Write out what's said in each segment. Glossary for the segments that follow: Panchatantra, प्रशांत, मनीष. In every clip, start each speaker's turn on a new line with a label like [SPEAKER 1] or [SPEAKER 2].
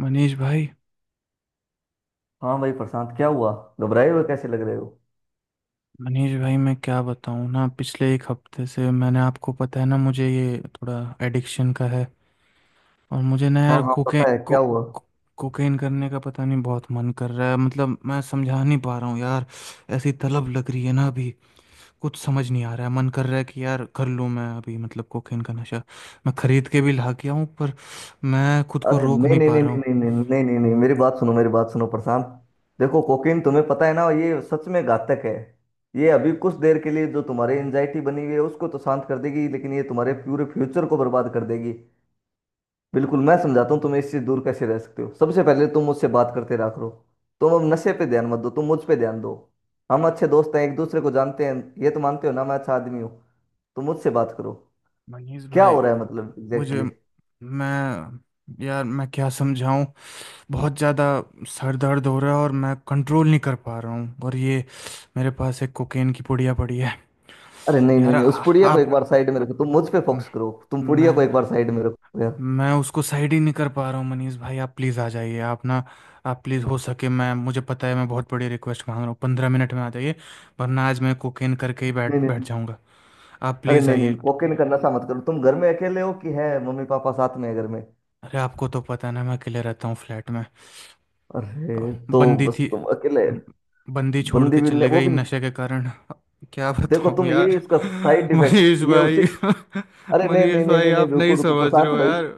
[SPEAKER 1] मनीष भाई।
[SPEAKER 2] हाँ भाई, प्रशांत क्या हुआ? घबराए हुए कैसे लग रहे हो?
[SPEAKER 1] मनीष भाई, मैं क्या बताऊँ ना, पिछले एक हफ्ते से मैंने आपको पता है ना, मुझे ये थोड़ा एडिक्शन का है। और मुझे ना
[SPEAKER 2] हाँ
[SPEAKER 1] यार
[SPEAKER 2] हाँ, पता है, क्या हुआ?
[SPEAKER 1] कोकेन करने का पता नहीं बहुत मन कर रहा है। मतलब मैं समझा नहीं पा रहा हूँ यार। ऐसी तलब लग रही है ना अभी, कुछ समझ नहीं आ रहा है। मन कर रहा है कि यार कर लूँ मैं अभी, मतलब कोकेन का नशा। मैं खरीद के भी ला के आऊँ, पर मैं खुद को
[SPEAKER 2] अरे
[SPEAKER 1] रोक
[SPEAKER 2] नहीं
[SPEAKER 1] नहीं
[SPEAKER 2] नहीं
[SPEAKER 1] पा
[SPEAKER 2] नहीं
[SPEAKER 1] रहा हूँ।
[SPEAKER 2] नहीं नहीं नहीं नहीं नहीं नहीं, मेरी बात सुनो प्रशांत। देखो, कोकीन तुम्हें पता है ना, ये सच में घातक है। ये अभी कुछ देर के लिए जो तुम्हारी एंजाइटी बनी हुई है उसको तो शांत कर देगी, लेकिन ये तुम्हारे पूरे फ्यूचर को बर्बाद कर देगी। बिल्कुल, मैं समझाता हूँ तुम इससे दूर कैसे रह सकते हो। सबसे पहले तुम मुझसे बात करते रहा करो। तुम अब नशे पे ध्यान मत दो, तुम मुझ पे ध्यान दो। हम अच्छे दोस्त हैं, एक दूसरे को जानते हैं। ये तो मानते हो ना मैं अच्छा आदमी हूँ। तुम मुझसे बात करो।
[SPEAKER 1] मनीष
[SPEAKER 2] क्या
[SPEAKER 1] भाई,
[SPEAKER 2] हो रहा है मतलब
[SPEAKER 1] मुझे
[SPEAKER 2] एग्जैक्टली exactly?
[SPEAKER 1] मैं यार, मैं क्या समझाऊं। बहुत ज़्यादा सर दर्द हो रहा है और मैं कंट्रोल नहीं कर पा रहा हूँ, और ये मेरे पास एक कोकेन की पुड़िया पड़ी है।
[SPEAKER 2] अरे नहीं नहीं
[SPEAKER 1] यार
[SPEAKER 2] नहीं, उस
[SPEAKER 1] आ-
[SPEAKER 2] पुड़िया को एक
[SPEAKER 1] आप
[SPEAKER 2] बार साइड में रखो, तुम मुझ पे
[SPEAKER 1] म-
[SPEAKER 2] फोकस करो। तुम पुड़िया
[SPEAKER 1] मैं
[SPEAKER 2] को एक बार साइड में रखो यार।
[SPEAKER 1] मैं उसको साइड ही नहीं कर पा रहा हूँ। मनीष भाई आप प्लीज़ आ जाइए। आप ना, आप प्लीज़, हो सके, मैं, मुझे पता है मैं बहुत बड़ी रिक्वेस्ट मांग रहा हूँ, पंद्रह मिनट में आ जाइए। वरना आज मैं कोकेन करके ही बैठ
[SPEAKER 2] नहीं नहीं नहीं।
[SPEAKER 1] बैठ जाऊँगा। आप
[SPEAKER 2] अरे
[SPEAKER 1] प्लीज़
[SPEAKER 2] नहीं नहीं,
[SPEAKER 1] आइए।
[SPEAKER 2] कोकेन का नशा मत करो। तुम घर में अकेले हो कि है मम्मी पापा साथ में है घर में?
[SPEAKER 1] अरे आपको तो पता है ना, मैं अकेले रहता हूँ फ्लैट में।
[SPEAKER 2] अरे
[SPEAKER 1] अ,
[SPEAKER 2] तो
[SPEAKER 1] बंदी
[SPEAKER 2] बस
[SPEAKER 1] थी।
[SPEAKER 2] तुम अकेले।
[SPEAKER 1] ब- बंदी छोड़
[SPEAKER 2] बंदी
[SPEAKER 1] के
[SPEAKER 2] भी नहीं,
[SPEAKER 1] चले
[SPEAKER 2] वो
[SPEAKER 1] गई
[SPEAKER 2] भी नहीं।
[SPEAKER 1] नशे के कारण। क्या
[SPEAKER 2] देखो,
[SPEAKER 1] बताऊं
[SPEAKER 2] तुम
[SPEAKER 1] यार।
[SPEAKER 2] ये इसका साइड इफेक्ट
[SPEAKER 1] मनीष
[SPEAKER 2] ये उसी
[SPEAKER 1] भाई
[SPEAKER 2] अरे नहीं
[SPEAKER 1] मनीष
[SPEAKER 2] नहीं नहीं
[SPEAKER 1] भाई
[SPEAKER 2] नहीं नहीं,
[SPEAKER 1] आप
[SPEAKER 2] रुको
[SPEAKER 1] नहीं
[SPEAKER 2] रुको
[SPEAKER 1] समझ रहे
[SPEAKER 2] प्रशांत
[SPEAKER 1] हो
[SPEAKER 2] भाई।
[SPEAKER 1] यार।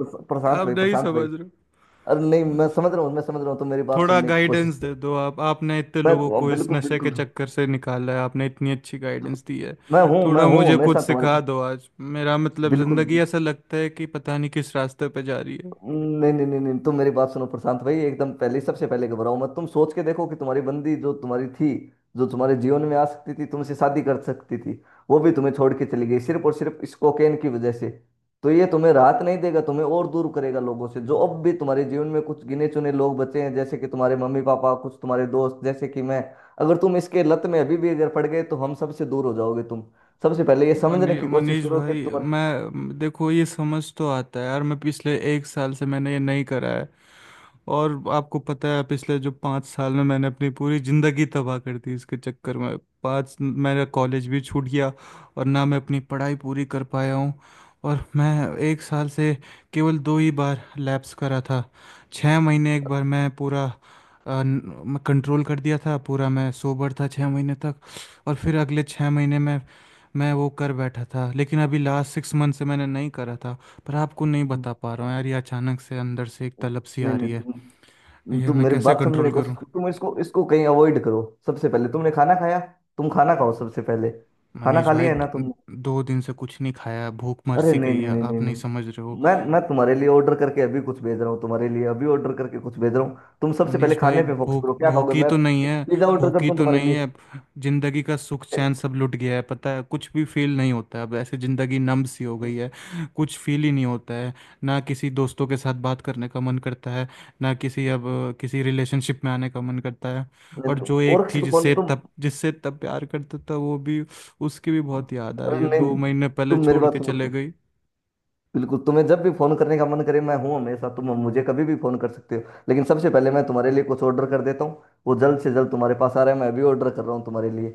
[SPEAKER 2] प्रश- प्रशांत
[SPEAKER 1] आप
[SPEAKER 2] भाई
[SPEAKER 1] नहीं
[SPEAKER 2] प्रशांत भाई
[SPEAKER 1] समझ रहे हो।
[SPEAKER 2] अरे नहीं, मैं
[SPEAKER 1] मुझे
[SPEAKER 2] समझ रहा हूँ मैं समझ रहा हूँ तुम मेरी बात
[SPEAKER 1] थोड़ा
[SPEAKER 2] सुनने की कोशिश
[SPEAKER 1] गाइडेंस दे
[SPEAKER 2] करो।
[SPEAKER 1] दो आप। आपने इतने
[SPEAKER 2] मैं
[SPEAKER 1] लोगों
[SPEAKER 2] बिल्कुल
[SPEAKER 1] को इस
[SPEAKER 2] बिल्कुल
[SPEAKER 1] नशे के
[SPEAKER 2] बिल्कुल-
[SPEAKER 1] चक्कर से निकाला है। आपने इतनी अच्छी गाइडेंस दी है।
[SPEAKER 2] मैं हूँ मैं
[SPEAKER 1] थोड़ा
[SPEAKER 2] हूँ
[SPEAKER 1] मुझे
[SPEAKER 2] हमेशा
[SPEAKER 1] कुछ
[SPEAKER 2] तुम्हारे
[SPEAKER 1] सिखा
[SPEAKER 2] पास।
[SPEAKER 1] दो आज। मेरा मतलब
[SPEAKER 2] बिल्कुल।
[SPEAKER 1] ज़िंदगी ऐसा लगता है कि पता नहीं किस रास्ते पे जा रही है।
[SPEAKER 2] नहीं नहीं नहीं नहीं, तुम मेरी बात सुनो प्रशांत भाई। एकदम पहले, सबसे पहले घबराओ मत। तुम सोच के देखो कि तुम्हारी बंदी जो तुम्हारी थी, जो तुम्हारे जीवन में आ सकती थी, तुमसे शादी कर सकती थी, वो भी तुम्हें छोड़ के चली गई सिर्फ और सिर्फ इस कोकेन की वजह से। तो ये तुम्हें राहत नहीं देगा, तुम्हें और दूर करेगा लोगों से जो अब भी तुम्हारे जीवन में कुछ गिने चुने लोग बचे हैं, जैसे कि तुम्हारे मम्मी पापा, कुछ तुम्हारे दोस्त, जैसे कि मैं। अगर तुम इसके लत में अभी भी अगर पड़ गए तो हम सबसे दूर हो जाओगे तुम। सबसे पहले ये समझने की कोशिश
[SPEAKER 1] मनीष
[SPEAKER 2] करो कि
[SPEAKER 1] भाई,
[SPEAKER 2] तुम्हारे।
[SPEAKER 1] मैं, देखो ये समझ तो आता है यार। मैं पिछले एक साल से मैंने ये नहीं करा है। और आपको पता है पिछले जो पाँच साल में मैंने अपनी पूरी ज़िंदगी तबाह कर दी इसके चक्कर में। पाँच, मेरा कॉलेज भी छूट गया, और ना मैं अपनी पढ़ाई पूरी कर पाया हूँ। और मैं एक साल से केवल दो ही बार लैप्स करा था। छः महीने एक बार मैं पूरा मैं कंट्रोल कर दिया था पूरा। मैं सोबर था छः महीने तक, और फिर अगले छः महीने में मैं वो कर बैठा था। लेकिन अभी लास्ट सिक्स मंथ से मैंने नहीं करा था। पर आपको नहीं बता पा रहा हूँ यार, ये अचानक से अंदर से एक तलब सी
[SPEAKER 2] नहीं
[SPEAKER 1] आ
[SPEAKER 2] नहीं,
[SPEAKER 1] रही है। ये
[SPEAKER 2] तुम
[SPEAKER 1] मैं
[SPEAKER 2] मेरी
[SPEAKER 1] कैसे
[SPEAKER 2] बात समझने
[SPEAKER 1] कंट्रोल
[SPEAKER 2] की कोशिश
[SPEAKER 1] करूं।
[SPEAKER 2] करो। तुम इसको, इसको कहीं अवॉइड करो। सबसे पहले, तुमने खाना खाया? तुम खाना खाओ सबसे पहले। खाना
[SPEAKER 1] मनीष
[SPEAKER 2] खा
[SPEAKER 1] भाई,
[SPEAKER 2] लिया है ना तुम?
[SPEAKER 1] दो दिन से कुछ नहीं खाया, भूख मर
[SPEAKER 2] अरे
[SPEAKER 1] सी
[SPEAKER 2] नहीं
[SPEAKER 1] गई
[SPEAKER 2] नहीं
[SPEAKER 1] है।
[SPEAKER 2] नहीं नहीं
[SPEAKER 1] आप नहीं समझ रहे हो।
[SPEAKER 2] नहीं, मैं तुम्हारे लिए ऑर्डर करके अभी कुछ भेज रहा हूँ। तुम्हारे लिए अभी ऑर्डर करके कुछ भेज रहा हूँ। तुम सबसे पहले
[SPEAKER 1] मनीष भाई,
[SPEAKER 2] खाने पे फोकस करो। क्या खाओगे?
[SPEAKER 1] भूखी
[SPEAKER 2] मैं
[SPEAKER 1] तो नहीं है।
[SPEAKER 2] पिज्जा ऑर्डर करता
[SPEAKER 1] भूखी
[SPEAKER 2] हूँ
[SPEAKER 1] तो
[SPEAKER 2] तुम्हारे
[SPEAKER 1] नहीं
[SPEAKER 2] लिए।
[SPEAKER 1] है। जिंदगी का सुख चैन सब लुट गया है, पता है। कुछ भी फील नहीं होता है अब। ऐसे जिंदगी नम सी हो गई है, कुछ फील ही नहीं होता है। ना किसी दोस्तों के साथ बात करने का मन करता है, ना किसी रिलेशनशिप में आने का मन करता है।
[SPEAKER 2] नहीं,
[SPEAKER 1] और
[SPEAKER 2] तुम
[SPEAKER 1] जो
[SPEAKER 2] और
[SPEAKER 1] एक
[SPEAKER 2] किसी
[SPEAKER 1] थी
[SPEAKER 2] को फोन तुम।
[SPEAKER 1] जिससे इतना प्यार करता था, वो भी, उसकी भी बहुत याद आ
[SPEAKER 2] अरे
[SPEAKER 1] रही है।
[SPEAKER 2] नहीं
[SPEAKER 1] दो
[SPEAKER 2] नहीं,
[SPEAKER 1] महीने पहले
[SPEAKER 2] तुम मेरी
[SPEAKER 1] छोड़
[SPEAKER 2] बात
[SPEAKER 1] के
[SPEAKER 2] सुनो।
[SPEAKER 1] चले गई।
[SPEAKER 2] बिल्कुल तुम्हें जब भी फोन करने का मन करे, मैं हूँ हमेशा, तुम मुझे कभी भी फोन कर सकते हो। लेकिन सबसे पहले मैं तुम्हारे लिए कुछ ऑर्डर कर देता हूँ, वो जल्द से जल्द तुम्हारे पास आ रहा है। मैं अभी ऑर्डर कर रहा हूँ तुम्हारे लिए।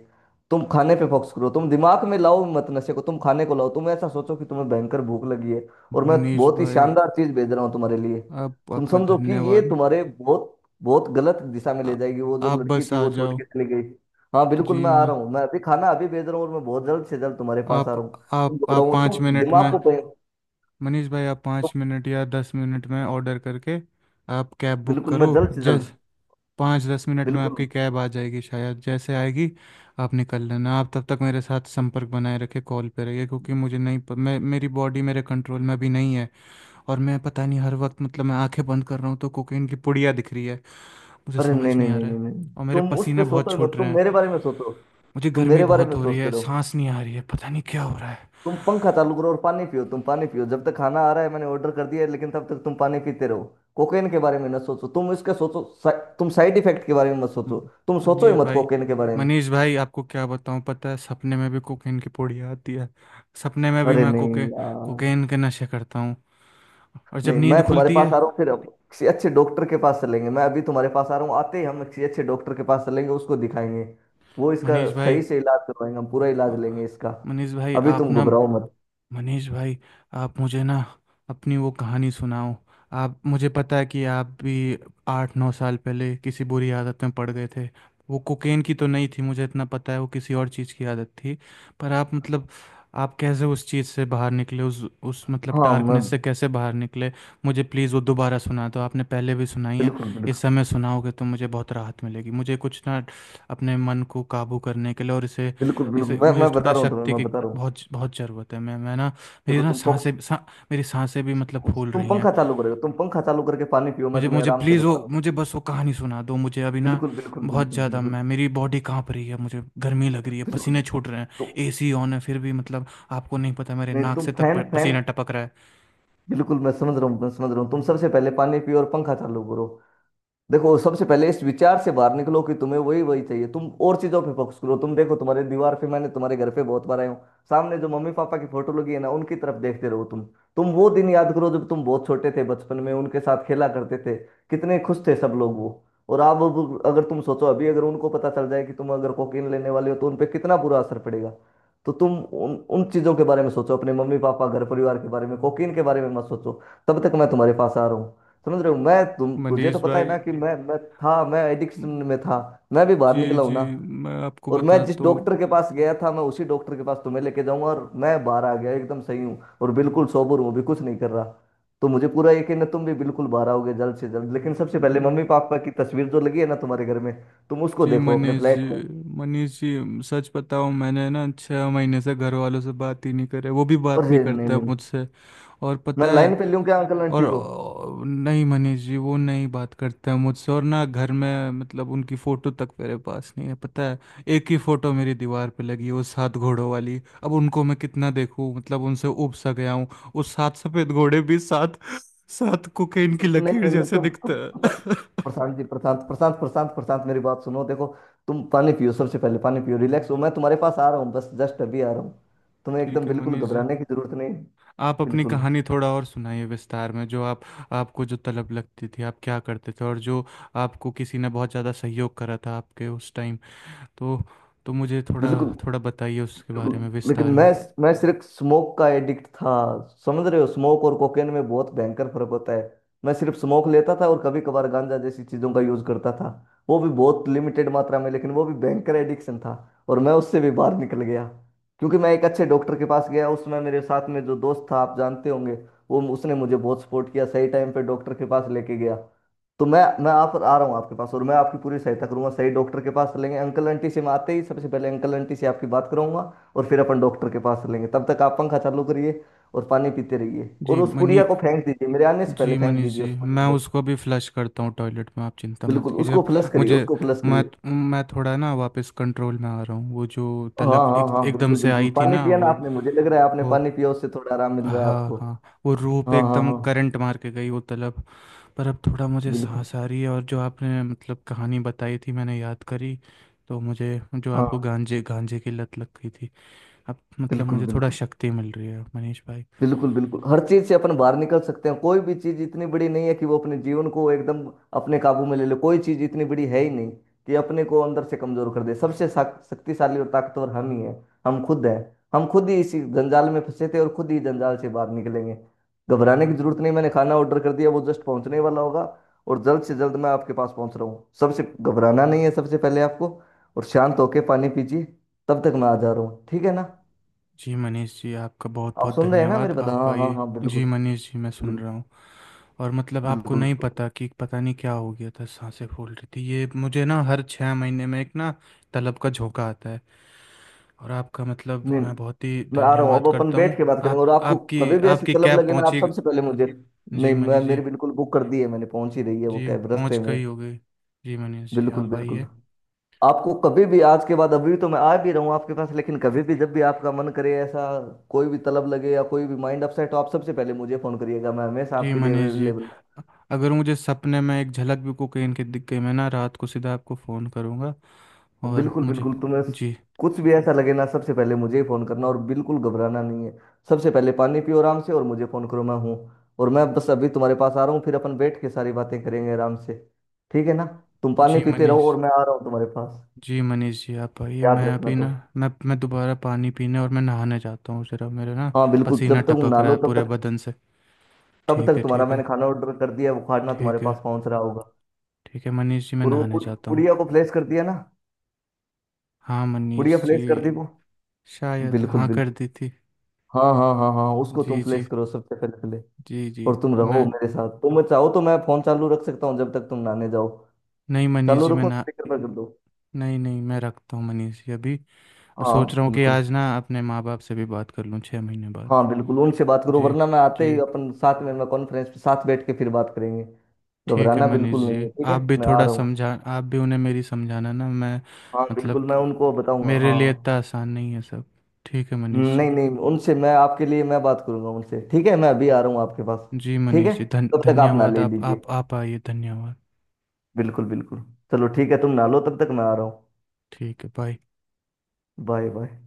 [SPEAKER 2] तुम खाने पे फोकस करो, तुम दिमाग में लाओ मत नशे को, तुम खाने को लाओ। तुम ऐसा सोचो कि तुम्हें भयंकर भूख लगी है, और मैं
[SPEAKER 1] मनीष
[SPEAKER 2] बहुत ही
[SPEAKER 1] भाई,
[SPEAKER 2] शानदार चीज भेज रहा हूँ तुम्हारे लिए।
[SPEAKER 1] आप,
[SPEAKER 2] तुम
[SPEAKER 1] आपका
[SPEAKER 2] समझो कि ये
[SPEAKER 1] धन्यवाद।
[SPEAKER 2] तुम्हारे बहुत बहुत गलत दिशा में ले
[SPEAKER 1] आ,
[SPEAKER 2] जाएगी। वो जो
[SPEAKER 1] आप
[SPEAKER 2] लड़की
[SPEAKER 1] बस
[SPEAKER 2] थी
[SPEAKER 1] आ
[SPEAKER 2] वो छोड़
[SPEAKER 1] जाओ।
[SPEAKER 2] के चली गई। हाँ बिल्कुल,
[SPEAKER 1] जी
[SPEAKER 2] मैं आ
[SPEAKER 1] मैं,
[SPEAKER 2] रहा हूँ। मैं अभी खाना अभी भेज रहा हूँ और मैं बहुत जल्द से जल्द तुम्हारे पास
[SPEAKER 1] आप
[SPEAKER 2] आ रहा हूँ। तुम
[SPEAKER 1] आप
[SPEAKER 2] घबराओ मत,
[SPEAKER 1] पाँच
[SPEAKER 2] तुम
[SPEAKER 1] मिनट में,
[SPEAKER 2] दिमाग को बिल्कुल तुम।
[SPEAKER 1] मनीष भाई आप पाँच मिनट या दस मिनट में ऑर्डर करके आप कैब बुक
[SPEAKER 2] बिल्कुल, मैं
[SPEAKER 1] करो।
[SPEAKER 2] जल्द से जल्द।
[SPEAKER 1] जैस पाँच दस मिनट में
[SPEAKER 2] बिल्कुल।
[SPEAKER 1] आपकी कैब आ जाएगी शायद, जैसे आएगी आप निकल लेना। आप तब तक मेरे साथ संपर्क बनाए रखे, कॉल पे रहिए, क्योंकि मुझे नहीं प- मैं मेरी बॉडी मेरे कंट्रोल में भी नहीं है। और मैं पता नहीं, हर वक्त, मतलब मैं आंखें बंद कर रहा हूँ तो कोकीन की पुड़िया दिख रही है। मुझे
[SPEAKER 2] अरे नहीं
[SPEAKER 1] समझ
[SPEAKER 2] नहीं
[SPEAKER 1] नहीं आ
[SPEAKER 2] नहीं
[SPEAKER 1] रहा है।
[SPEAKER 2] नहीं नहीं,
[SPEAKER 1] और मेरे
[SPEAKER 2] तुम उस
[SPEAKER 1] पसीने
[SPEAKER 2] पे
[SPEAKER 1] बहुत
[SPEAKER 2] सोचो ही
[SPEAKER 1] छूट
[SPEAKER 2] मत,
[SPEAKER 1] रहे
[SPEAKER 2] तुम
[SPEAKER 1] हैं।
[SPEAKER 2] मेरे बारे में सोचो।
[SPEAKER 1] मुझे
[SPEAKER 2] तुम
[SPEAKER 1] गर्मी
[SPEAKER 2] मेरे बारे
[SPEAKER 1] बहुत
[SPEAKER 2] में
[SPEAKER 1] हो रही
[SPEAKER 2] सोचते
[SPEAKER 1] है,
[SPEAKER 2] रहो।
[SPEAKER 1] सांस नहीं आ रही है, पता नहीं क्या हो रहा है।
[SPEAKER 2] तुम पंखा चालू करो और पानी पियो। तुम पानी पियो जब तक खाना आ रहा है, मैंने ऑर्डर कर दिया है, लेकिन तब तक तुम पानी पीते रहो। कोकेन के बारे में ना सोचो। तुम इसके सोचो सा, तुम साइड इफेक्ट के बारे में मत सोचो।
[SPEAKER 1] हम्म।
[SPEAKER 2] तुम सोचो
[SPEAKER 1] मनीष
[SPEAKER 2] ही मत
[SPEAKER 1] भाई,
[SPEAKER 2] कोकेन के बारे में।
[SPEAKER 1] मनीष भाई आपको क्या बताऊं, पता है सपने में भी कोकेन की पोड़ी आती है। सपने में भी
[SPEAKER 2] अरे
[SPEAKER 1] मैं
[SPEAKER 2] नहीं यार,
[SPEAKER 1] कोकेन के नशे करता हूँ, और जब
[SPEAKER 2] नहीं, मैं
[SPEAKER 1] नींद
[SPEAKER 2] तुम्हारे
[SPEAKER 1] खुलती
[SPEAKER 2] पास
[SPEAKER 1] है।
[SPEAKER 2] आ रहा हूँ। फिर अब किसी अच्छे डॉक्टर के पास चलेंगे। मैं अभी तुम्हारे पास आ रहा हूँ, आते ही हम किसी अच्छे डॉक्टर के पास चलेंगे, उसको दिखाएंगे। वो इसका
[SPEAKER 1] मनीष भाई,
[SPEAKER 2] सही से इलाज करवाएंगे, हम पूरा
[SPEAKER 1] अ,
[SPEAKER 2] इलाज लेंगे इसका।
[SPEAKER 1] मनीष भाई
[SPEAKER 2] अभी
[SPEAKER 1] आप
[SPEAKER 2] तुम
[SPEAKER 1] ना,
[SPEAKER 2] घबराओ मत।
[SPEAKER 1] मनीष भाई आप मुझे ना अपनी वो कहानी सुनाओ। आप, मुझे पता है कि आप भी आठ नौ साल पहले किसी बुरी आदत में पड़ गए थे। वो कोकेन की तो नहीं थी, मुझे इतना पता है, वो किसी और चीज़ की आदत थी। पर आप मतलब आप कैसे उस चीज़ से बाहर निकले, उस मतलब
[SPEAKER 2] हाँ, मैं
[SPEAKER 1] डार्कनेस से कैसे बाहर निकले। मुझे प्लीज़ वो दोबारा सुना दो, आपने पहले भी सुनाई है।
[SPEAKER 2] बिल्कुल बिल्कुल
[SPEAKER 1] इस समय सुनाओगे तो मुझे बहुत राहत मिलेगी। मुझे कुछ ना अपने मन को काबू करने के लिए, और इसे,
[SPEAKER 2] बिल्कुल बिल्कुल
[SPEAKER 1] इसे,
[SPEAKER 2] मैं
[SPEAKER 1] मुझे
[SPEAKER 2] मैं बता
[SPEAKER 1] थोड़ा
[SPEAKER 2] रहा हूँ तुम्हें,
[SPEAKER 1] शक्ति
[SPEAKER 2] मैं
[SPEAKER 1] की
[SPEAKER 2] बता रहा हूँ।
[SPEAKER 1] बहुत बहुत ज़रूरत है। मैं ना, मेरी
[SPEAKER 2] देखो
[SPEAKER 1] ना
[SPEAKER 2] तुम फोक्स।
[SPEAKER 1] सांसें सा, मेरी सांसें भी मतलब फूल
[SPEAKER 2] तुम
[SPEAKER 1] रही हैं।
[SPEAKER 2] पंखा चालू करोगे, तुम पंखा चालू करके पानी पियो। मैं
[SPEAKER 1] मुझे
[SPEAKER 2] तुम्हें
[SPEAKER 1] मुझे
[SPEAKER 2] आराम से
[SPEAKER 1] प्लीज़ वो,
[SPEAKER 2] बता रहा हूँ।
[SPEAKER 1] मुझे बस वो कहानी सुना दो मुझे अभी ना।
[SPEAKER 2] बिल्कुल बिल्कुल
[SPEAKER 1] बहुत
[SPEAKER 2] बिल्कुल
[SPEAKER 1] ज़्यादा, मैं,
[SPEAKER 2] बिल्कुल
[SPEAKER 1] मेरी बॉडी कांप रही है, मुझे गर्मी लग रही है,
[SPEAKER 2] बिल्कुल।
[SPEAKER 1] पसीने छूट रहे हैं।
[SPEAKER 2] तो
[SPEAKER 1] एसी ऑन है फिर भी, मतलब आपको नहीं पता, मेरे
[SPEAKER 2] नहीं,
[SPEAKER 1] नाक
[SPEAKER 2] तुम
[SPEAKER 1] से तक
[SPEAKER 2] फैन फैन
[SPEAKER 1] पसीना टपक रहा है।
[SPEAKER 2] बिल्कुल, मैं समझ रहा हूँ। तुम सबसे पहले पानी पियो और पंखा चालू करो। देखो, सबसे पहले इस विचार से बाहर निकलो कि तुम्हें वही वही चाहिए। तुम और चीजों पे फोकस करो। तुम देखो, तुम्हारे दीवार पे, मैंने तुम्हारे घर पे बहुत बार आया हूँ, सामने जो मम्मी पापा की फोटो लगी है ना, उनकी तरफ देखते रहो तुम। तुम वो दिन याद करो जब तुम बहुत छोटे थे, बचपन में उनके साथ खेला करते थे। कितने खुश थे सब लोग वो। और आप अब, अगर तुम सोचो अभी, अगर उनको पता चल जाए कि तुम अगर कोकीन लेने वाले हो तो उन पे कितना बुरा असर पड़ेगा। तो तुम उन, उन चीजों के बारे में सोचो, अपने मम्मी पापा घर परिवार के बारे में। कोकीन के बारे में मत सोचो। तब तक मैं तुम्हारे पास आ रहा हूँ। समझ रहे हो? मैं तुम तुझे तो
[SPEAKER 1] मनीष
[SPEAKER 2] पता है
[SPEAKER 1] भाई।
[SPEAKER 2] ना कि मैं था, मैं एडिक्शन में था। मैं भी बाहर
[SPEAKER 1] जी
[SPEAKER 2] निकला हूं
[SPEAKER 1] जी,
[SPEAKER 2] ना।
[SPEAKER 1] मैं आपको
[SPEAKER 2] और मैं जिस
[SPEAKER 1] बताता हूँ।
[SPEAKER 2] डॉक्टर के पास गया था, मैं उसी डॉक्टर के पास तुम्हें लेके जाऊंगा। और मैं बाहर आ गया, एकदम सही हूँ और बिल्कुल सोबर हूँ अभी, कुछ नहीं कर रहा। तो मुझे पूरा यकीन है तुम भी बिल्कुल बाहर आओगे जल्द से जल्द। लेकिन सबसे पहले
[SPEAKER 1] जी
[SPEAKER 2] मम्मी पापा की तस्वीर जो लगी है ना तुम्हारे घर में, तुम उसको
[SPEAKER 1] जी
[SPEAKER 2] देखो अपने
[SPEAKER 1] मनीष जी,
[SPEAKER 2] फ्लैट में।
[SPEAKER 1] मनीष जी सच बताऊं, मैंने ना छह महीने से घर वालों से बात ही नहीं करे। वो भी बात
[SPEAKER 2] और
[SPEAKER 1] नहीं
[SPEAKER 2] ये- नहीं
[SPEAKER 1] करता है
[SPEAKER 2] नहीं नहीं।
[SPEAKER 1] मुझसे। और
[SPEAKER 2] मैं
[SPEAKER 1] पता है,
[SPEAKER 2] लाइन पे लूं क्या अंकल
[SPEAKER 1] और
[SPEAKER 2] आंटी को?
[SPEAKER 1] नहीं मनीष जी वो नहीं बात करते हैं मुझसे, और ना घर में मतलब उनकी फ़ोटो तक मेरे पास नहीं है, पता है। एक ही फ़ोटो मेरी दीवार पे लगी है, वो सात घोड़ों वाली। अब उनको मैं कितना देखूं, मतलब उनसे ऊब सा गया हूँ। वो सात सफ़ेद घोड़े भी सात सात कोकेन की
[SPEAKER 2] नहीं
[SPEAKER 1] लकीर
[SPEAKER 2] नहीं नहीं,
[SPEAKER 1] जैसे दिखते
[SPEAKER 2] प-
[SPEAKER 1] हैं।
[SPEAKER 2] प्रशांत जी, प्रशांत प्रशांत प्रशांत प्रशांत मेरी बात सुनो। देखो तुम पानी पियो, सबसे पहले पानी पियो, रिलैक्स हो। मैं तुम्हारे पास आ रहा हूँ, बस जस्ट अभी आ रहा हूँ। तुम्हें
[SPEAKER 1] ठीक
[SPEAKER 2] एकदम
[SPEAKER 1] है
[SPEAKER 2] बिल्कुल
[SPEAKER 1] मनीष जी।
[SPEAKER 2] घबराने की जरूरत नहीं है।
[SPEAKER 1] आप अपनी
[SPEAKER 2] बिल्कुल
[SPEAKER 1] कहानी थोड़ा और सुनाइए विस्तार में। जो आप, आपको जो तलब लगती थी आप क्या करते थे, और जो आपको किसी ने बहुत ज़्यादा सहयोग करा था आपके उस टाइम। तो तो मुझे थोड़ा,
[SPEAKER 2] बिल्कुल।
[SPEAKER 1] थोड़ा बताइए उसके बारे में
[SPEAKER 2] लेकिन
[SPEAKER 1] विस्तार में।
[SPEAKER 2] मैं सिर्फ स्मोक का एडिक्ट था। समझ रहे हो, स्मोक और कोकेन में बहुत भयंकर फर्क होता है। मैं सिर्फ स्मोक लेता था और कभी कभार गांजा जैसी चीजों का यूज करता था। वो भी बहुत लिमिटेड मात्रा में, लेकिन वो भी भयंकर एडिक्शन था। और मैं उससे भी बाहर निकल गया, क्योंकि मैं एक अच्छे डॉक्टर के पास गया। उसमें मेरे साथ में जो दोस्त था, आप जानते होंगे वो, उसने मुझे बहुत सपोर्ट किया, सही टाइम पे डॉक्टर के पास लेके गया। तो मैं आप आ रहा हूँ आपके पास, और मैं आपकी पूरी सहायता करूंगा। सही डॉक्टर के पास लेंगे। अंकल आंटी से मैं आते ही सबसे पहले अंकल आंटी से आपकी बात करूंगा, और फिर अपन डॉक्टर के पास चलेंगे। तब तक आप पंखा चालू करिए और पानी पीते रहिए, और
[SPEAKER 1] जी
[SPEAKER 2] उस पुड़िया
[SPEAKER 1] मनी
[SPEAKER 2] को फेंक दीजिए। मेरे आने से पहले
[SPEAKER 1] जी
[SPEAKER 2] फेंक
[SPEAKER 1] मनीष
[SPEAKER 2] दीजिए
[SPEAKER 1] जी,
[SPEAKER 2] उस
[SPEAKER 1] मैं
[SPEAKER 2] पुड़िया को।
[SPEAKER 1] उसको अभी फ्लश करता हूँ टॉयलेट में, आप चिंता मत
[SPEAKER 2] बिल्कुल,
[SPEAKER 1] कीजिए
[SPEAKER 2] उसको
[SPEAKER 1] अब।
[SPEAKER 2] फ्लश करिए
[SPEAKER 1] मुझे
[SPEAKER 2] उसको फ्लश
[SPEAKER 1] मैं
[SPEAKER 2] करिए
[SPEAKER 1] मैं थोड़ा ना वापस कंट्रोल में आ रहा हूँ। वो जो
[SPEAKER 2] हाँ
[SPEAKER 1] तलब
[SPEAKER 2] हाँ
[SPEAKER 1] एक
[SPEAKER 2] हाँ,
[SPEAKER 1] एकदम
[SPEAKER 2] बिल्कुल
[SPEAKER 1] से
[SPEAKER 2] बिल्कुल।
[SPEAKER 1] आई थी
[SPEAKER 2] पानी
[SPEAKER 1] ना,
[SPEAKER 2] पिया ना
[SPEAKER 1] वो
[SPEAKER 2] आपने? मुझे लग रहा है आपने
[SPEAKER 1] वो
[SPEAKER 2] पानी पिया, उससे थोड़ा आराम मिल रहा है
[SPEAKER 1] हाँ
[SPEAKER 2] आपको।
[SPEAKER 1] हाँ वो रूप
[SPEAKER 2] हाँ हाँ
[SPEAKER 1] एकदम
[SPEAKER 2] हाँ।
[SPEAKER 1] करंट मार के गई वो तलब। पर अब थोड़ा मुझे
[SPEAKER 2] बिल्कुल।
[SPEAKER 1] सांस आ रही है, और जो आपने मतलब कहानी बताई थी मैंने याद करी। तो मुझे जो आपको
[SPEAKER 2] हाँ,
[SPEAKER 1] गांजे गांजे की लत लग गई थी, अब मतलब
[SPEAKER 2] बिल्कुल
[SPEAKER 1] मुझे थोड़ा
[SPEAKER 2] बिल्कुल
[SPEAKER 1] शक्ति मिल रही है मनीष भाई।
[SPEAKER 2] बिल्कुल बिल्कुल हर चीज से अपन बाहर निकल सकते हैं। कोई भी चीज इतनी बड़ी नहीं है कि वो अपने जीवन को एकदम अपने काबू में ले ले। कोई चीज इतनी बड़ी है ही नहीं कि अपने को अंदर से कमजोर कर दे। शक्तिशाली और ताकतवर हम ही हैं। हम खुद हैं। हम खुद ही इसी जंजाल में फंसे थे और खुद ही जंजाल से बाहर निकलेंगे। घबराने की जरूरत नहीं। मैंने खाना ऑर्डर कर दिया, वो जस्ट पहुंचने वाला होगा। और जल्द से जल्द मैं आपके पास पहुंच रहा हूँ। सबसे घबराना नहीं है सबसे पहले आपको। और शांत होके पानी पीजिए। तब तक मैं आ जा रहा हूँ, ठीक है ना?
[SPEAKER 1] जी मनीष जी आपका बहुत
[SPEAKER 2] आप
[SPEAKER 1] बहुत
[SPEAKER 2] सुन रहे हैं ना मेरी
[SPEAKER 1] धन्यवाद,
[SPEAKER 2] बात?
[SPEAKER 1] आप
[SPEAKER 2] हाँ हाँ
[SPEAKER 1] आइए।
[SPEAKER 2] हाँ, बिल्कुल।
[SPEAKER 1] जी मनीष जी मैं सुन
[SPEAKER 2] बिल्कुल।
[SPEAKER 1] रहा हूँ। और मतलब आपको
[SPEAKER 2] बिल्कुल।
[SPEAKER 1] नहीं पता, कि पता नहीं क्या हो गया था, सांसें फूल रही थी। ये मुझे ना हर छः महीने में एक ना तलब का झोंका आता है। और आपका मतलब
[SPEAKER 2] नहीं,
[SPEAKER 1] मैं बहुत ही
[SPEAKER 2] मैं आ रहा हूँ। अब
[SPEAKER 1] धन्यवाद
[SPEAKER 2] अपन
[SPEAKER 1] करता हूँ।
[SPEAKER 2] बैठ के बात करेंगे,
[SPEAKER 1] आप,
[SPEAKER 2] और आपको
[SPEAKER 1] आपकी
[SPEAKER 2] कभी भी ऐसी
[SPEAKER 1] आपकी
[SPEAKER 2] तलब
[SPEAKER 1] कैब
[SPEAKER 2] लगे ना, आप
[SPEAKER 1] पहुँची?
[SPEAKER 2] सबसे पहले मुझे।
[SPEAKER 1] जी
[SPEAKER 2] नहीं, मैं
[SPEAKER 1] मनीष जी,
[SPEAKER 2] मेरी बिल्कुल बुक कर दी है मैंने, पहुंच ही रही है वो
[SPEAKER 1] जी
[SPEAKER 2] कैब रास्ते
[SPEAKER 1] पहुंच
[SPEAKER 2] में।
[SPEAKER 1] गई होगी। जी मनीष जी
[SPEAKER 2] बिल्कुल
[SPEAKER 1] आप
[SPEAKER 2] बिल्कुल।
[SPEAKER 1] आइए।
[SPEAKER 2] आपको कभी भी आज के बाद, अभी तो मैं आ भी रहा हूँ आपके पास, लेकिन कभी भी जब भी आपका मन करे ऐसा, कोई भी तलब लगे या कोई भी माइंड अपसेट हो, आप सबसे पहले मुझे फोन करिएगा। मैं हमेशा
[SPEAKER 1] जी
[SPEAKER 2] आपके लिए
[SPEAKER 1] मनीष जी,
[SPEAKER 2] अवेलेबल।
[SPEAKER 1] अ- अगर मुझे सपने में एक झलक भी कोकीन की दिख गई, मैं ना रात को सीधा आपको फ़ोन करूंगा। और
[SPEAKER 2] बिल्कुल
[SPEAKER 1] मुझे,
[SPEAKER 2] बिल्कुल,
[SPEAKER 1] जी
[SPEAKER 2] कुछ भी ऐसा लगे ना सबसे पहले मुझे ही फोन करना, और बिल्कुल घबराना नहीं है। सबसे पहले पानी पियो आराम से और मुझे फोन करो, मैं हूँ। और मैं बस अभी तुम्हारे पास आ रहा हूँ, फिर अपन बैठ के सारी बातें करेंगे आराम से। ठीक है ना? तुम पानी
[SPEAKER 1] जी
[SPEAKER 2] पीते रहो और
[SPEAKER 1] मनीष
[SPEAKER 2] मैं आ रहा हूँ तुम्हारे पास।
[SPEAKER 1] जी, मनीष जी आप आइए
[SPEAKER 2] याद
[SPEAKER 1] मैं
[SPEAKER 2] रखना
[SPEAKER 1] अभी ना,
[SPEAKER 2] तुम।
[SPEAKER 1] मैं दोबारा पानी पीने और मैं नहाने जाता हूँ ज़रा, मेरे ना
[SPEAKER 2] हाँ बिल्कुल, जब
[SPEAKER 1] पसीना
[SPEAKER 2] तक तुम
[SPEAKER 1] टपक
[SPEAKER 2] ना
[SPEAKER 1] रहा
[SPEAKER 2] लो
[SPEAKER 1] है
[SPEAKER 2] तब
[SPEAKER 1] पूरे
[SPEAKER 2] तक,
[SPEAKER 1] बदन से।
[SPEAKER 2] तब
[SPEAKER 1] ठीक
[SPEAKER 2] तक
[SPEAKER 1] है,
[SPEAKER 2] तुम्हारा,
[SPEAKER 1] ठीक है,
[SPEAKER 2] मैंने खाना ऑर्डर कर दिया है, वो खाना तुम्हारे
[SPEAKER 1] ठीक है।
[SPEAKER 2] पास पहुंच रहा होगा।
[SPEAKER 1] ठीक है मनीष जी मैं
[SPEAKER 2] और वो
[SPEAKER 1] नहाने जाता हूँ।
[SPEAKER 2] पुड़िया को फ्लैश कर दिया ना?
[SPEAKER 1] हाँ
[SPEAKER 2] पुड़िया
[SPEAKER 1] मनीष जी।
[SPEAKER 2] फ्लैश कर दी वो?
[SPEAKER 1] शायद
[SPEAKER 2] बिल्कुल
[SPEAKER 1] हाँ कर
[SPEAKER 2] बिल्कुल।
[SPEAKER 1] दी थी।
[SPEAKER 2] हाँ हाँ हाँ हाँ, उसको तुम
[SPEAKER 1] जी
[SPEAKER 2] फ्लैश
[SPEAKER 1] जी,
[SPEAKER 2] करो सबसे पहले पहले।
[SPEAKER 1] जी जी।
[SPEAKER 2] और तुम रहो
[SPEAKER 1] मैं,
[SPEAKER 2] मेरे साथ, तुम चाहो तो मैं फोन चालू रख सकता हूँ जब तक तुम नहाने जाओ।
[SPEAKER 1] नहीं मनीष
[SPEAKER 2] चालू
[SPEAKER 1] जी मैं
[SPEAKER 2] रखो,
[SPEAKER 1] ना,
[SPEAKER 2] स्पीकर पर कर दो।
[SPEAKER 1] नहीं नहीं मैं रखता हूँ मनीष जी अभी। और सोच
[SPEAKER 2] हाँ।
[SPEAKER 1] रहा हूँ कि
[SPEAKER 2] बिल्कुल।
[SPEAKER 1] आज ना अपने माँ बाप से भी बात कर लूँ, छः महीने बाद।
[SPEAKER 2] हाँ बिल्कुल, उनसे बात करो,
[SPEAKER 1] जी।
[SPEAKER 2] वरना मैं आते
[SPEAKER 1] जी,
[SPEAKER 2] ही अपन साथ में मैं कॉन्फ्रेंस पे साथ बैठ के फिर बात करेंगे।
[SPEAKER 1] ठीक है
[SPEAKER 2] घबराना
[SPEAKER 1] मनीष
[SPEAKER 2] बिल्कुल नहीं है,
[SPEAKER 1] जी।
[SPEAKER 2] ठीक
[SPEAKER 1] आप
[SPEAKER 2] है?
[SPEAKER 1] भी
[SPEAKER 2] मैं आ
[SPEAKER 1] थोड़ा
[SPEAKER 2] रहा हूँ।
[SPEAKER 1] समझा, आप भी उन्हें मेरी समझाना ना, मैं,
[SPEAKER 2] हाँ बिल्कुल, मैं
[SPEAKER 1] मतलब
[SPEAKER 2] उनको बताऊंगा,
[SPEAKER 1] मेरे
[SPEAKER 2] हाँ।
[SPEAKER 1] लिए इतना आसान नहीं है सब। ठीक है मनीष जी।
[SPEAKER 2] नहीं नहीं, उनसे मैं आपके लिए मैं बात करूंगा उनसे। ठीक है, मैं अभी आ रहा हूँ आपके पास।
[SPEAKER 1] जी
[SPEAKER 2] ठीक है।
[SPEAKER 1] मनीष जी, धन
[SPEAKER 2] तब तक आप ना
[SPEAKER 1] धन्यवाद।
[SPEAKER 2] ले
[SPEAKER 1] आप
[SPEAKER 2] लीजिए।
[SPEAKER 1] आप आप आइए, धन्यवाद।
[SPEAKER 2] बिल्कुल बिल्कुल। चलो ठीक है, तुम ना लो तब तक, मैं आ रहा हूँ।
[SPEAKER 1] ठीक है, बाय।
[SPEAKER 2] Bye bye.